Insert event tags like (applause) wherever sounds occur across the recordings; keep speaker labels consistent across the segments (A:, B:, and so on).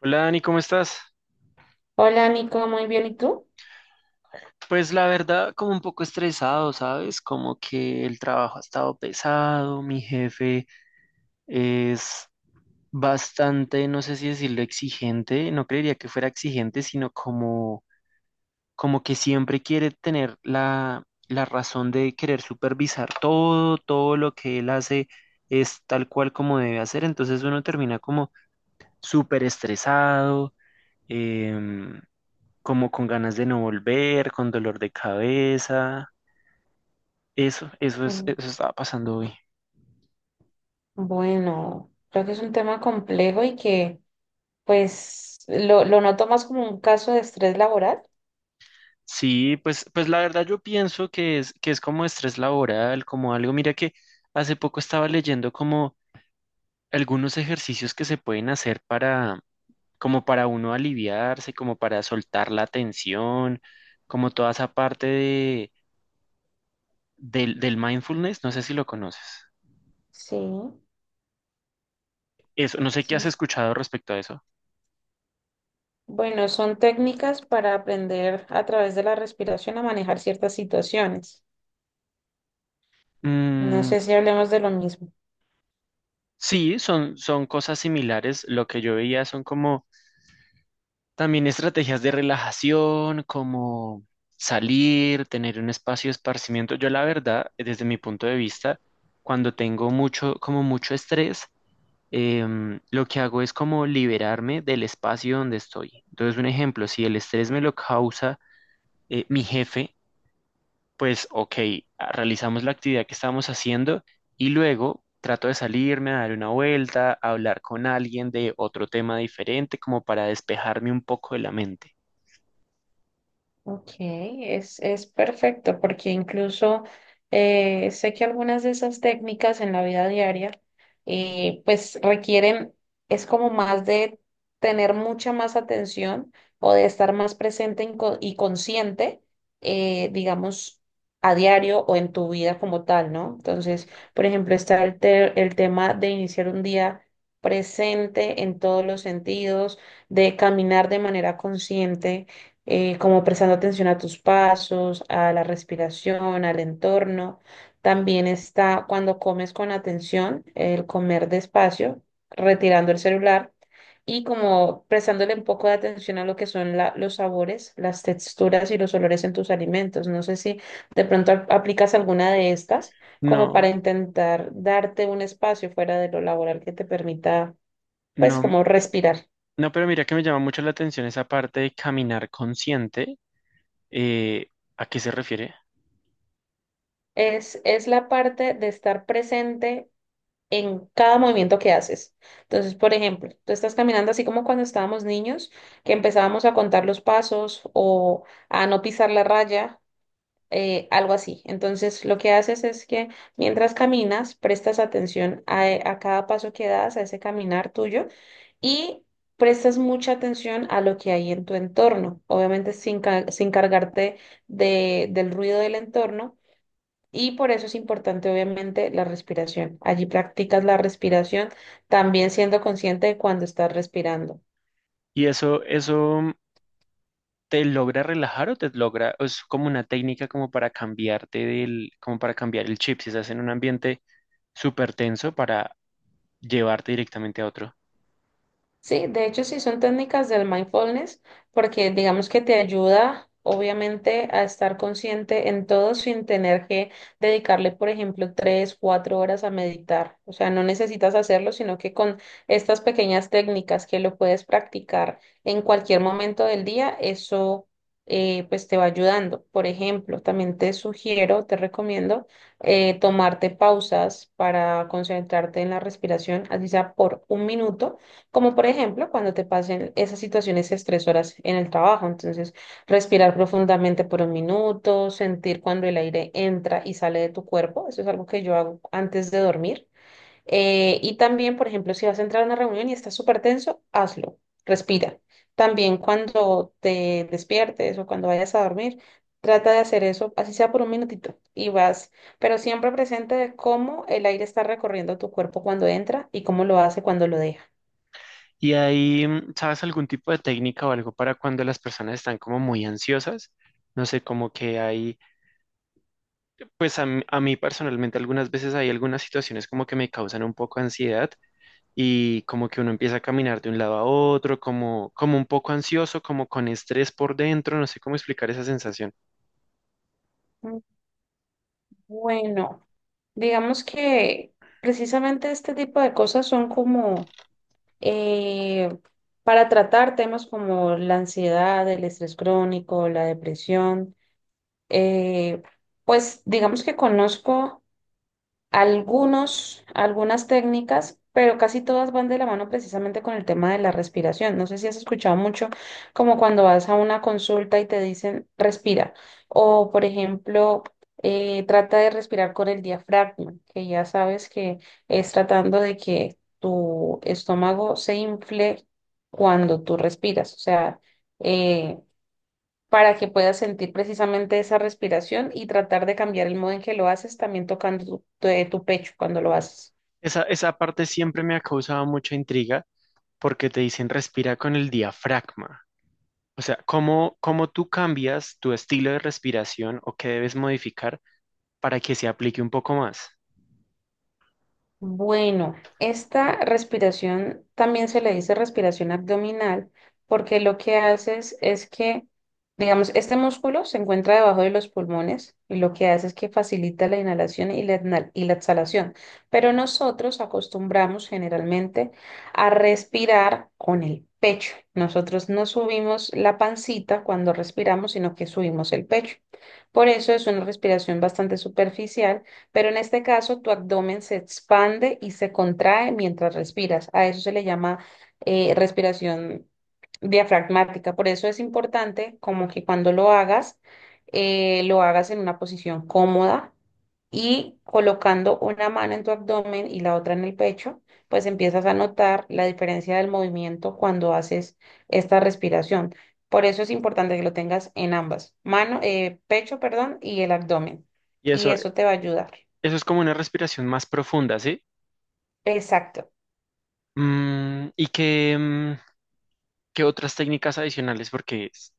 A: Hola Dani, ¿cómo estás?
B: Hola Nico, muy bien, ¿y tú?
A: Pues la verdad, como un poco estresado, ¿sabes? Como que el trabajo ha estado pesado, mi jefe es bastante, no sé si decirlo exigente, no creería que fuera exigente, sino como, como que siempre quiere tener la razón de querer supervisar todo, todo lo que él hace es tal cual como debe hacer. Entonces uno termina como súper estresado, como con ganas de no volver, con dolor de cabeza. Eso es,
B: Mm.
A: eso estaba pasando hoy.
B: Bueno, creo que es un tema complejo y que pues lo noto más como un caso de estrés laboral.
A: Sí, pues, pues la verdad yo pienso que es como estrés laboral, como algo. Mira que hace poco estaba leyendo como algunos ejercicios que se pueden hacer para, como para uno aliviarse, como para soltar la tensión, como toda esa parte de, del mindfulness. No sé si lo conoces.
B: Sí,
A: Eso, no sé qué
B: sí.
A: has escuchado respecto a eso.
B: Bueno, son técnicas para aprender a través de la respiración a manejar ciertas situaciones. No
A: Mm.
B: sé si hablemos de lo mismo.
A: Sí, son, son cosas similares. Lo que yo veía son como también estrategias de relajación, como salir, tener un espacio de esparcimiento. Yo la verdad, desde mi punto de vista, cuando tengo mucho, como mucho estrés, lo que hago es como liberarme del espacio donde estoy. Entonces, un ejemplo, si el estrés me lo causa mi jefe, pues, ok, realizamos la actividad que estábamos haciendo y luego trato de salirme a dar una vuelta, a hablar con alguien de otro tema diferente, como para despejarme un poco de la mente.
B: Ok, es perfecto porque incluso sé que algunas de esas técnicas en la vida diaria pues requieren, es como más de tener mucha más atención o de estar más presente en y consciente, digamos, a diario o en tu vida como tal, ¿no? Entonces, por ejemplo, está el tema de iniciar un día presente en todos los sentidos, de caminar de manera consciente, como prestando atención a tus pasos, a la respiración, al entorno. También está cuando comes con atención, el comer despacio, retirando el celular y como prestándole un poco de atención a lo que son los sabores, las texturas y los olores en tus alimentos. No sé si de pronto aplicas alguna de estas como para
A: No,
B: intentar darte un espacio fuera de lo laboral que te permita, pues,
A: no,
B: como respirar.
A: no, pero mira que me llama mucho la atención esa parte de caminar consciente. eh, ¿A qué se refiere?
B: Es la parte de estar presente en cada movimiento que haces. Entonces, por ejemplo, tú estás caminando así como cuando estábamos niños, que empezábamos a contar los pasos o a no pisar la raya, algo así. Entonces, lo que haces es que mientras caminas, prestas atención a, a cada paso que das, a ese caminar tuyo, y prestas mucha atención a lo que hay en tu entorno, obviamente sin cargarte del ruido del entorno y por eso es importante, obviamente, la respiración. Allí practicas la respiración, también siendo consciente de cuando estás respirando.
A: ¿Y eso te logra relajar o te logra, o es como una técnica como para cambiarte del, como para cambiar el chip, si estás en un ambiente súper tenso para llevarte directamente a otro?
B: Sí, de hecho sí son técnicas del mindfulness porque digamos que te ayuda obviamente a estar consciente en todo sin tener que dedicarle, por ejemplo, tres, cuatro horas a meditar. O sea, no necesitas hacerlo, sino que con estas pequeñas técnicas que lo puedes practicar en cualquier momento del día, eso pues te va ayudando. Por ejemplo, también te sugiero, te recomiendo tomarte pausas para concentrarte en la respiración, así sea por un minuto como por ejemplo, cuando te pasen esas situaciones estresoras en el trabajo. Entonces, respirar profundamente por un minuto, sentir cuando el aire entra y sale de tu cuerpo. Eso es algo que yo hago antes de dormir. Y también, por ejemplo, si vas a entrar a una reunión y estás súper tenso, hazlo. Respira. También cuando te despiertes o cuando vayas a dormir, trata de hacer eso, así sea por un minutito, y vas, pero siempre presente de cómo el aire está recorriendo tu cuerpo cuando entra y cómo lo hace cuando lo deja.
A: Y ahí, ¿sabes algún tipo de técnica o algo para cuando las personas están como muy ansiosas? No sé, como que hay, pues a mí personalmente algunas veces hay algunas situaciones como que me causan un poco ansiedad y como que uno empieza a caminar de un lado a otro, como, como un poco ansioso, como con estrés por dentro, no sé cómo explicar esa sensación.
B: Bueno, digamos que precisamente este tipo de cosas son como eh, para tratar temas como la ansiedad, el estrés crónico, la depresión. eh, pues digamos que conozco algunas técnicas, pero casi todas van de la mano precisamente con el tema de la respiración. No sé si has escuchado mucho como cuando vas a una consulta y te dicen respira o, por ejemplo, trata de respirar con el diafragma, que ya sabes que es tratando de que tu estómago se infle cuando tú respiras, o sea, eh, para que puedas sentir precisamente esa respiración y tratar de cambiar el modo en que lo haces, también tocando tu pecho cuando lo haces.
A: Esa parte siempre me ha causado mucha intriga porque te dicen respira con el diafragma. O sea, ¿cómo, cómo tú cambias tu estilo de respiración o qué debes modificar para que se aplique un poco más?
B: Bueno, esta respiración también se le dice respiración abdominal porque lo que haces es que, digamos, este músculo se encuentra debajo de los pulmones y lo que hace es que facilita la inhalación y la exhalación. Pero nosotros acostumbramos generalmente a respirar con el pecho. Nosotros no subimos la pancita cuando respiramos, sino que subimos el pecho. Por eso es una respiración bastante superficial, pero en este caso, tu abdomen se expande y se contrae mientras respiras. A eso se le llama respiración diafragmática. Por eso es importante como que cuando lo hagas en una posición cómoda y colocando una mano en tu abdomen y la otra en el pecho, pues empiezas a notar la diferencia del movimiento cuando haces esta respiración. Por eso es importante que lo tengas en ambas, mano, pecho, perdón, y el abdomen.
A: Y
B: Y
A: eso,
B: eso te va a ayudar.
A: eso es como una respiración más profunda, ¿sí?
B: Exacto.
A: ¿Y qué, qué otras técnicas adicionales? Porque s-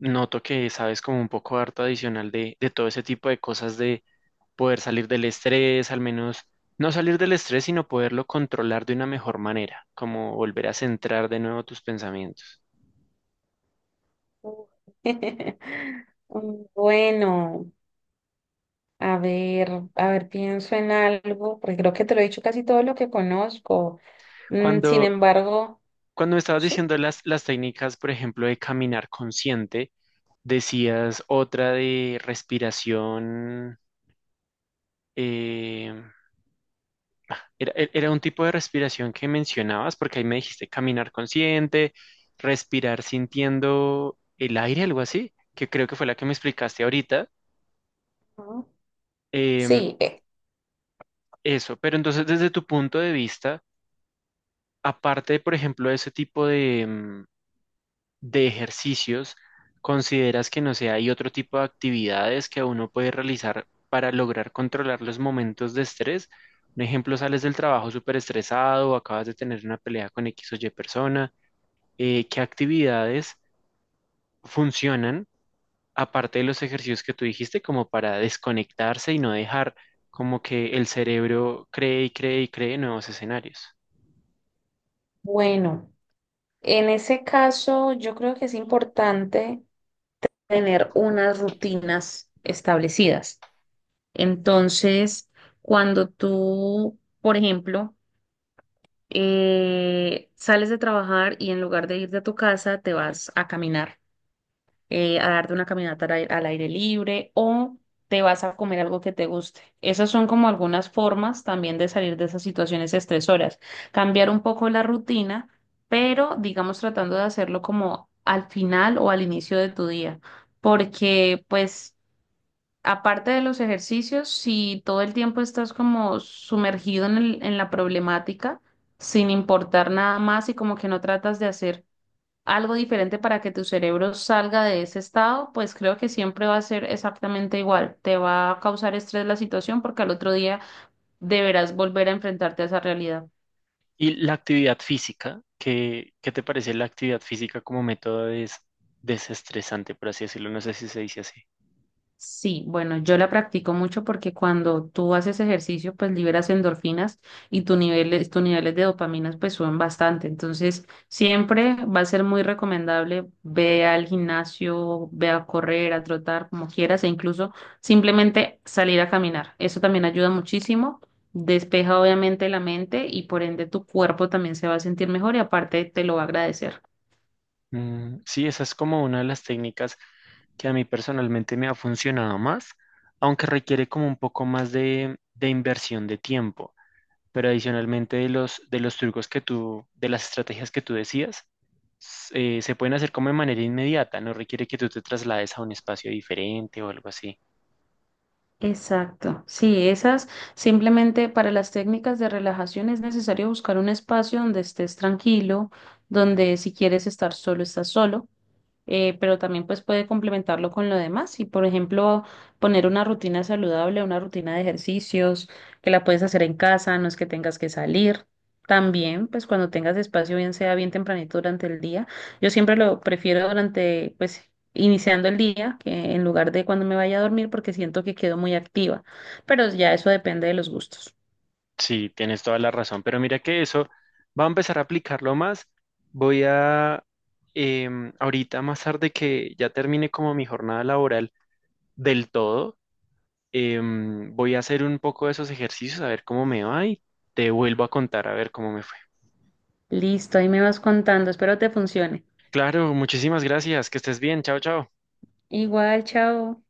A: noto que sabes como un poco harto adicional de todo ese tipo de cosas de poder salir del estrés, al menos no salir del estrés, sino poderlo controlar de una mejor manera, como volver a centrar de nuevo tus pensamientos.
B: (laughs) Bueno, a ver, a ver, pienso en algo, porque creo que te lo he dicho casi todo lo que conozco. Mm, sin
A: Cuando,
B: embargo,
A: cuando me estabas
B: sí.
A: diciendo las técnicas, por ejemplo, de caminar consciente, decías otra de respiración. eh, Era, e- era un tipo de respiración que mencionabas, porque ahí me dijiste caminar consciente, respirar sintiendo el aire, algo así, que creo que fue la que me explicaste ahorita.
B: Ujú.
A: em,
B: Sí.
A: Eso, pero entonces desde tu punto de vista, aparte, por ejemplo, de ese tipo de, de ejercicios, ¿consideras que no sé, hay otro tipo de actividades que uno puede realizar para lograr controlar los momentos de estrés? Un ejemplo, sales del trabajo súper estresado, acabas de tener una pelea con X o Y persona. ¿Qué actividades funcionan, aparte de los ejercicios que tú dijiste, como para desconectarse y no dejar como que el cerebro cree y cree y cree nuevos escenarios?
B: Bueno, en ese caso yo creo que es importante tener unas rutinas establecidas. Entonces, cuando tú, por ejemplo, sales de trabajar y en lugar de irte a tu casa, te vas a caminar, a darte una caminata al aire libre o te vas a comer algo que te guste. Esas son como algunas formas también de salir de esas situaciones estresoras, cambiar un poco la rutina, pero digamos tratando de hacerlo como al final o al inicio de tu día, porque pues aparte de los ejercicios, si todo el tiempo estás como sumergido en en la problemática, sin importar nada más y como que no tratas de hacer algo diferente para que tu cerebro salga de ese estado, pues creo que siempre va a ser exactamente igual. Te va a causar estrés la situación porque al otro día deberás volver a enfrentarte a esa realidad.
A: Y la actividad física, ¿qué, qué te parece la actividad física como método des- desestresante, por así decirlo? No sé si se dice así.
B: Sí, bueno, yo la practico mucho porque cuando tú haces ejercicio, pues liberas endorfinas y tus niveles de dopaminas pues suben bastante. Entonces, siempre va a ser muy recomendable, ve al gimnasio, ve a correr, a trotar, como quieras, e incluso simplemente salir a caminar. Eso también ayuda muchísimo, despeja obviamente la mente y por ende tu cuerpo también se va a sentir mejor y aparte te lo va a agradecer.
A: Mm, sí, esa es como una de las técnicas que a mí personalmente me ha funcionado más, aunque requiere como un poco más de inversión de tiempo. Pero adicionalmente de los trucos que tú, de las estrategias que tú decías, s- se pueden hacer como de manera inmediata, no requiere que tú te traslades a un espacio diferente o algo así.
B: Exacto, sí, esas simplemente para las técnicas de relajación es necesario buscar un espacio donde estés tranquilo, donde si quieres estar solo, estás solo, pero también pues puede complementarlo con lo demás. Y por ejemplo, poner una rutina saludable, una rutina de ejercicios que la puedes hacer en casa, no es que tengas que salir. También, pues cuando tengas espacio, bien sea bien tempranito durante el día. Yo siempre lo prefiero durante, pues, iniciando el día, que en lugar de cuando me vaya a dormir, porque siento que quedo muy activa. Pero ya eso depende de los gustos.
A: Sí, tienes toda la razón, pero mira que eso va a empezar a aplicarlo más. Voy a, ahorita más tarde que ya termine como mi jornada laboral del todo, voy a hacer un poco de esos ejercicios, a ver cómo me va y te vuelvo a contar, a ver cómo me fue.
B: Listo, ahí me vas contando. Espero te funcione.
A: Claro, muchísimas gracias, que estés bien, chao, chao.
B: Igual, chao.